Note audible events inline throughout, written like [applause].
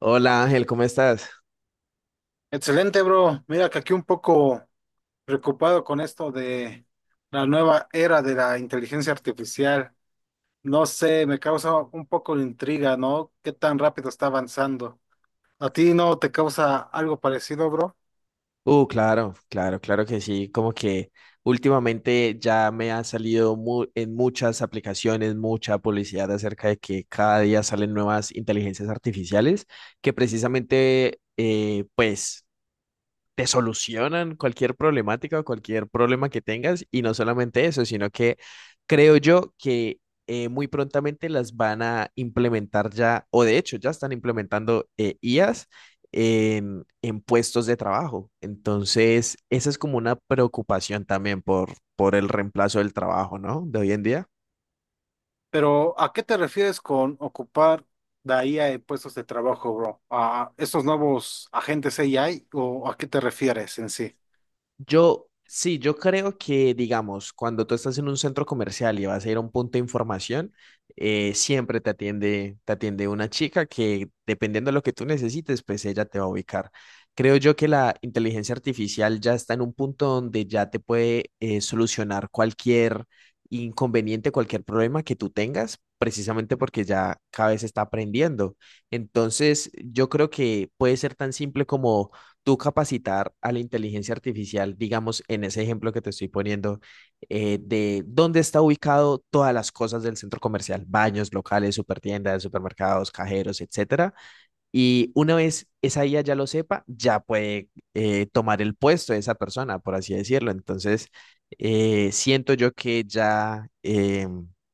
Hola Ángel, ¿cómo estás? Excelente, bro. Mira que aquí un poco preocupado con esto de la nueva era de la inteligencia artificial. No sé, me causa un poco de intriga, ¿no? ¿Qué tan rápido está avanzando? ¿A ti no te causa algo parecido, bro? Claro, claro, claro que sí. Como que últimamente ya me ha salido en muchas aplicaciones mucha publicidad acerca de que cada día salen nuevas inteligencias artificiales que precisamente, pues, te solucionan cualquier problemática o cualquier problema que tengas. Y no solamente eso, sino que creo yo que muy prontamente las van a implementar ya, o de hecho ya están implementando IAs en puestos de trabajo. Entonces, esa es como una preocupación también por el reemplazo del trabajo, ¿no? De hoy en día. Pero ¿a qué te refieres con ocupar la IA en puestos de trabajo, bro? ¿A estos nuevos agentes AI o a qué te refieres en sí? Yo creo que, digamos, cuando tú estás en un centro comercial y vas a ir a un punto de información, siempre te atiende una chica que, dependiendo de lo que tú necesites, pues ella te va a ubicar. Creo yo que la inteligencia artificial ya está en un punto donde ya te puede solucionar cualquier inconveniente, cualquier problema que tú tengas, precisamente porque ya cada vez está aprendiendo. Entonces, yo creo que puede ser tan simple como tú capacitar a la inteligencia artificial, digamos, en ese ejemplo que te estoy poniendo, de dónde está ubicado todas las cosas del centro comercial, baños, locales, supertiendas, supermercados, cajeros, etcétera. Y una vez esa IA ya lo sepa, ya puede tomar el puesto de esa persona, por así decirlo. Entonces, siento yo que ya,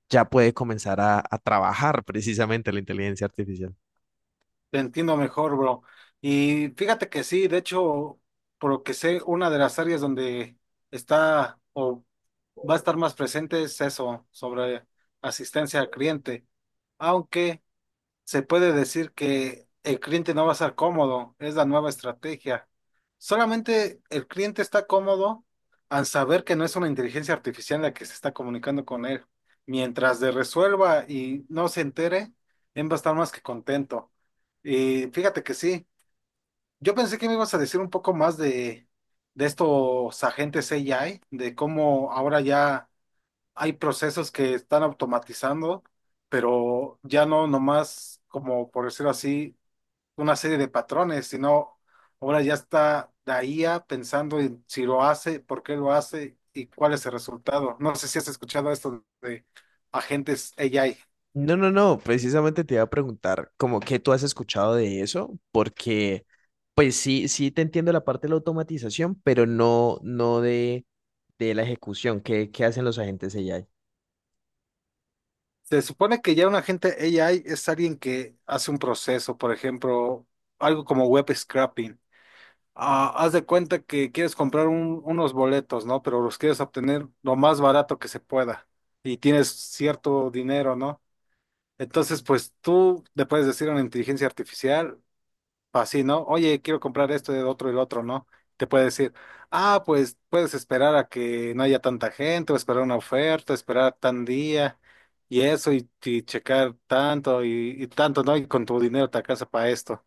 ya puede comenzar a trabajar precisamente la inteligencia artificial. Te entiendo mejor, bro. Y fíjate que sí, de hecho, por lo que sé, una de las áreas donde está o va a estar más presente es eso, sobre asistencia al cliente. Aunque se puede decir que el cliente no va a estar cómodo, es la nueva estrategia. Solamente el cliente está cómodo al saber que no es una inteligencia artificial la que se está comunicando con él. Mientras le resuelva y no se entere, él va a estar más que contento. Y fíjate que sí, yo pensé que me ibas a decir un poco más de estos agentes AI, de cómo ahora ya hay procesos que están automatizando, pero ya no nomás como por decirlo así, una serie de patrones, sino ahora ya está la IA pensando en si lo hace, por qué lo hace y cuál es el resultado. No sé si has escuchado esto de agentes AI. No, no, no, precisamente te iba a preguntar como qué tú has escuchado de eso, porque pues sí, sí te entiendo la parte de la automatización, pero no, no de la ejecución, ¿qué, qué hacen los agentes AI? Se supone que ya un agente AI es alguien que hace un proceso, por ejemplo, algo como web scraping. Ah, haz de cuenta que quieres comprar unos boletos, ¿no? Pero los quieres obtener lo más barato que se pueda y tienes cierto dinero, ¿no? Entonces, pues tú le puedes decir a una inteligencia artificial, así, ¿no? Oye, quiero comprar esto, el otro y el otro, ¿no? Te puede decir, ah, pues puedes esperar a que no haya tanta gente, o esperar una oferta, esperar tan día y eso, y checar tanto y tanto, ¿no? Y con tu dinero te alcanza para esto.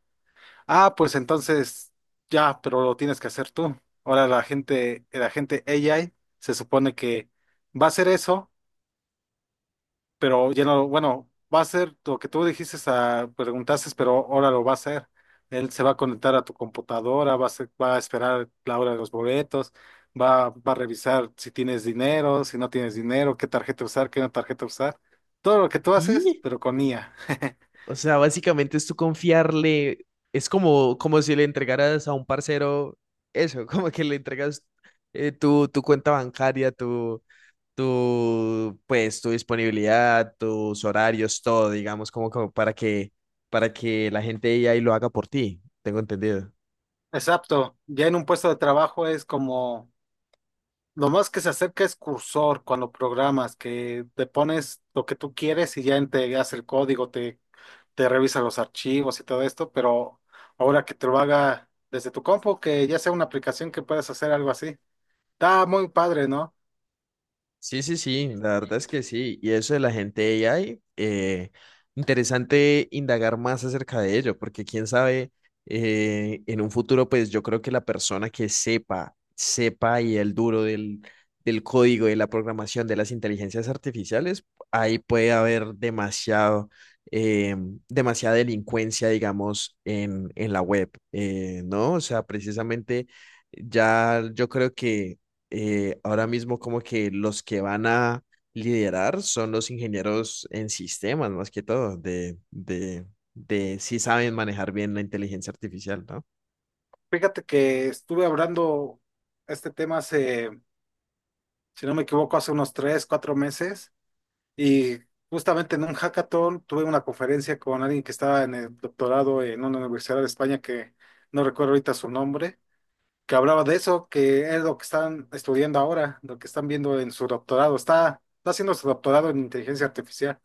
Ah, pues entonces ya, pero lo tienes que hacer tú. Ahora la gente AI se supone que va a hacer eso, pero ya no, bueno, va a hacer lo que tú dijiste, a, preguntaste, pero ahora lo va a hacer. Él se va a conectar a tu computadora, va a, va a esperar la hora de los boletos, va a revisar si tienes dinero, si no tienes dinero, qué tarjeta usar, qué no tarjeta usar. Todo lo que tú haces, Y, pero con IA. [laughs] o sea, básicamente es tú confiarle, es como, como si le entregaras a un parcero eso, [laughs] como que le entregas tu cuenta bancaria, tu, pues, tu disponibilidad, tus horarios, todo, digamos, como, como para que la gente ya y lo haga por ti, tengo entendido. Exacto. Ya en un puesto de trabajo es como lo más que se acerca es cursor cuando programas, que te pones lo que tú quieres y ya te hace el código, te revisa los archivos y todo esto, pero ahora que te lo haga desde tu compu, que ya sea una aplicación que puedas hacer algo así. Está muy padre, ¿no? Sí, sí, sí, la verdad es que sí. Y eso de la gente AI, interesante indagar más acerca de ello, porque quién sabe, en un futuro, pues yo creo que la persona que sepa, sepa y el duro del código, de la programación, de las inteligencias artificiales, ahí puede haber demasiado, eh, demasiada delincuencia, digamos, en la web, ¿no? O sea, precisamente ya yo creo que ahora mismo como que los que van a liderar son los ingenieros en sistemas, más que todo, de si saben manejar bien la inteligencia artificial, ¿no? Fíjate que estuve hablando este tema hace, si no me equivoco, hace unos tres, cuatro meses y justamente en un hackathon tuve una conferencia con alguien que estaba en el doctorado en una universidad de España, que no recuerdo ahorita su nombre, que hablaba de eso, que es lo que están estudiando ahora, lo que están viendo en su doctorado. Está haciendo su doctorado en inteligencia artificial.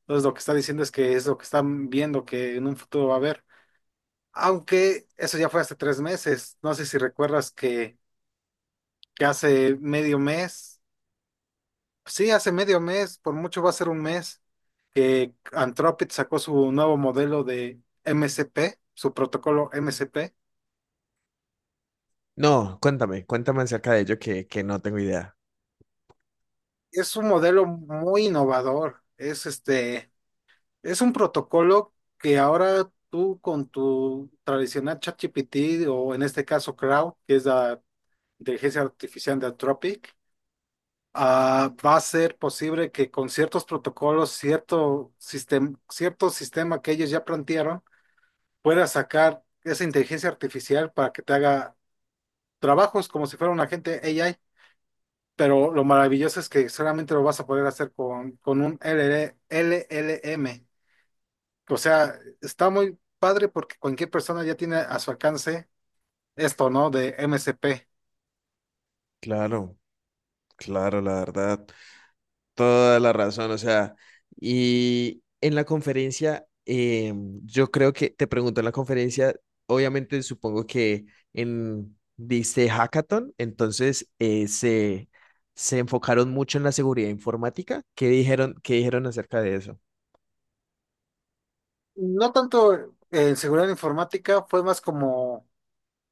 Entonces lo que está diciendo es que es lo que están viendo que en un futuro va a haber. Aunque eso ya fue hace tres meses. No sé si recuerdas que hace medio mes, sí, hace medio mes, por mucho va a ser un mes, que Anthropic sacó su nuevo modelo de MCP, su protocolo MCP. No, cuéntame, cuéntame acerca de ello que no tengo idea. Es un modelo muy innovador. Es este, es un protocolo que ahora tú con tu tradicional ChatGPT o en este caso Crowd, que es la inteligencia artificial de Anthropic, ah, va a ser posible que con ciertos protocolos, cierto sistema que ellos ya plantearon, puedas sacar esa inteligencia artificial para que te haga trabajos como si fuera un agente AI. Pero lo maravilloso es que solamente lo vas a poder hacer con un LL LLM. O sea, está muy padre porque cualquier persona ya tiene a su alcance esto, ¿no? De MCP. Claro, claro, la verdad. Toda la razón, o sea, y en la conferencia, yo creo que te pregunto en la conferencia, obviamente supongo que en, dice hackathon, entonces se enfocaron mucho en la seguridad informática. Qué dijeron acerca de eso? No tanto en seguridad informática, fue más como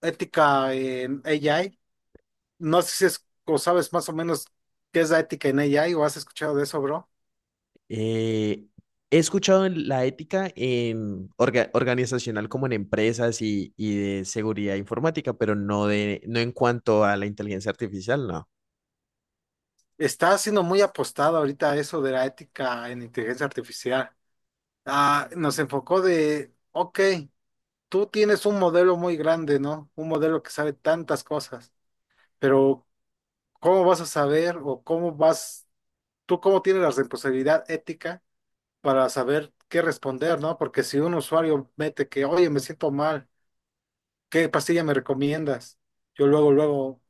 ética en AI. No sé si es, o sabes más o menos qué es la ética en AI o has escuchado de eso, bro. Eh, he escuchado en la ética en organizacional como en empresas y de seguridad informática, pero no, de, no en cuanto a la inteligencia artificial, no. Está siendo muy apostado ahorita a eso de la ética en inteligencia artificial. Ah, nos enfocó de, ok, tú tienes un modelo muy grande, ¿no? Un modelo que sabe tantas cosas, pero ¿cómo vas a saber o cómo vas, tú cómo tienes la responsabilidad ética para saber qué responder, ¿no? Porque si un usuario mete que, oye, me siento mal, ¿qué pastilla me recomiendas? Yo luego, luego,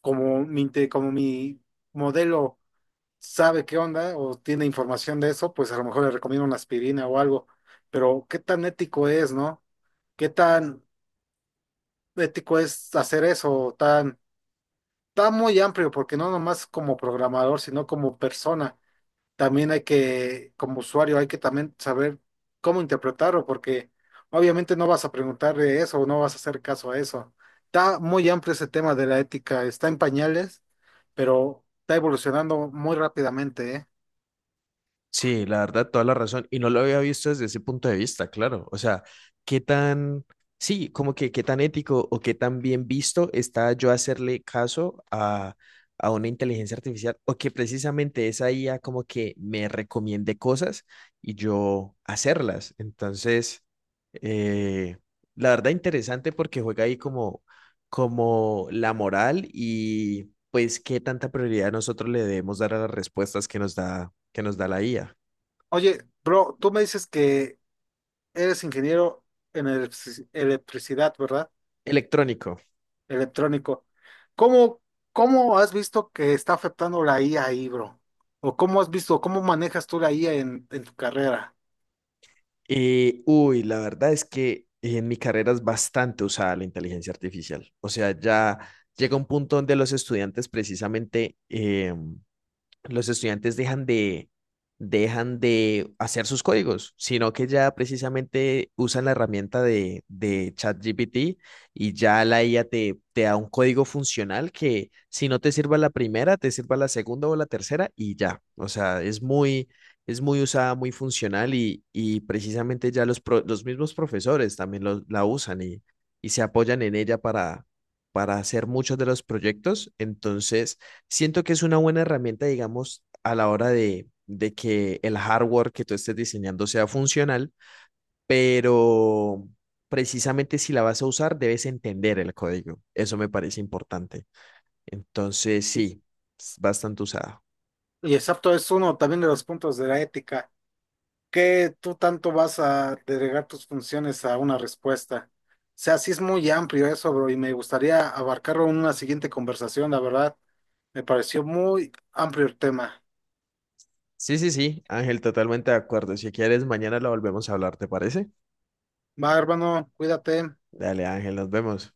como mi, como mi modelo sabe qué onda o tiene información de eso, pues a lo mejor le recomiendo una aspirina o algo. Pero ¿qué tan ético es, no? ¿Qué tan ético es hacer eso? Tan, tan muy amplio, porque no nomás como programador, sino como persona también hay que, como usuario, hay que también saber cómo interpretarlo, porque obviamente no vas a preguntarle eso o no vas a hacer caso a eso. Está muy amplio ese tema de la ética, está en pañales, pero está evolucionando muy rápidamente, ¿eh? Sí, la verdad, toda la razón. Y no lo había visto desde ese punto de vista, claro. O sea, qué tan, sí, como que qué tan ético o qué tan bien visto está yo hacerle caso a una inteligencia artificial o que precisamente esa IA como que me recomiende cosas y yo hacerlas. Entonces, eh, la verdad, interesante porque juega ahí como, como la moral pues qué tanta prioridad nosotros le debemos dar a las respuestas que nos da la IA. Oye, bro, tú me dices que eres ingeniero en electricidad, ¿verdad? Electrónico. Electrónico. ¿Cómo, cómo has visto que está afectando la IA ahí, bro? ¿O cómo has visto, cómo manejas tú la IA en tu carrera? Y, uy, la verdad es que en mi carrera es bastante usada la inteligencia artificial. O sea, ya llega un punto donde los estudiantes precisamente... em, los estudiantes dejan de hacer sus códigos, sino que ya precisamente usan la herramienta de ChatGPT y ya la IA te da un código funcional que si no te sirva la primera, te sirva la segunda o la tercera y ya. O sea, es muy usada, muy funcional y precisamente ya los mismos profesores también la usan y se apoyan en ella para hacer muchos de los proyectos. Entonces... Siento que es una buena herramienta, digamos, a la hora de que el hardware que tú estés diseñando sea funcional, pero precisamente si la vas a usar, debes entender el código. Eso me parece importante. Entonces, sí, es bastante usada. Y exacto, es uno también de los puntos de la ética, que tú tanto vas a delegar tus funciones a una respuesta. O sea, sí es muy amplio eso, bro, y me gustaría abarcarlo en una siguiente conversación, la verdad. Me pareció muy amplio el tema. Sí, sí, sí, Ángel, totalmente de acuerdo. Si quieres, mañana la volvemos a hablar, ¿te parece? Va, hermano, cuídate. Dale, Ángel, nos vemos.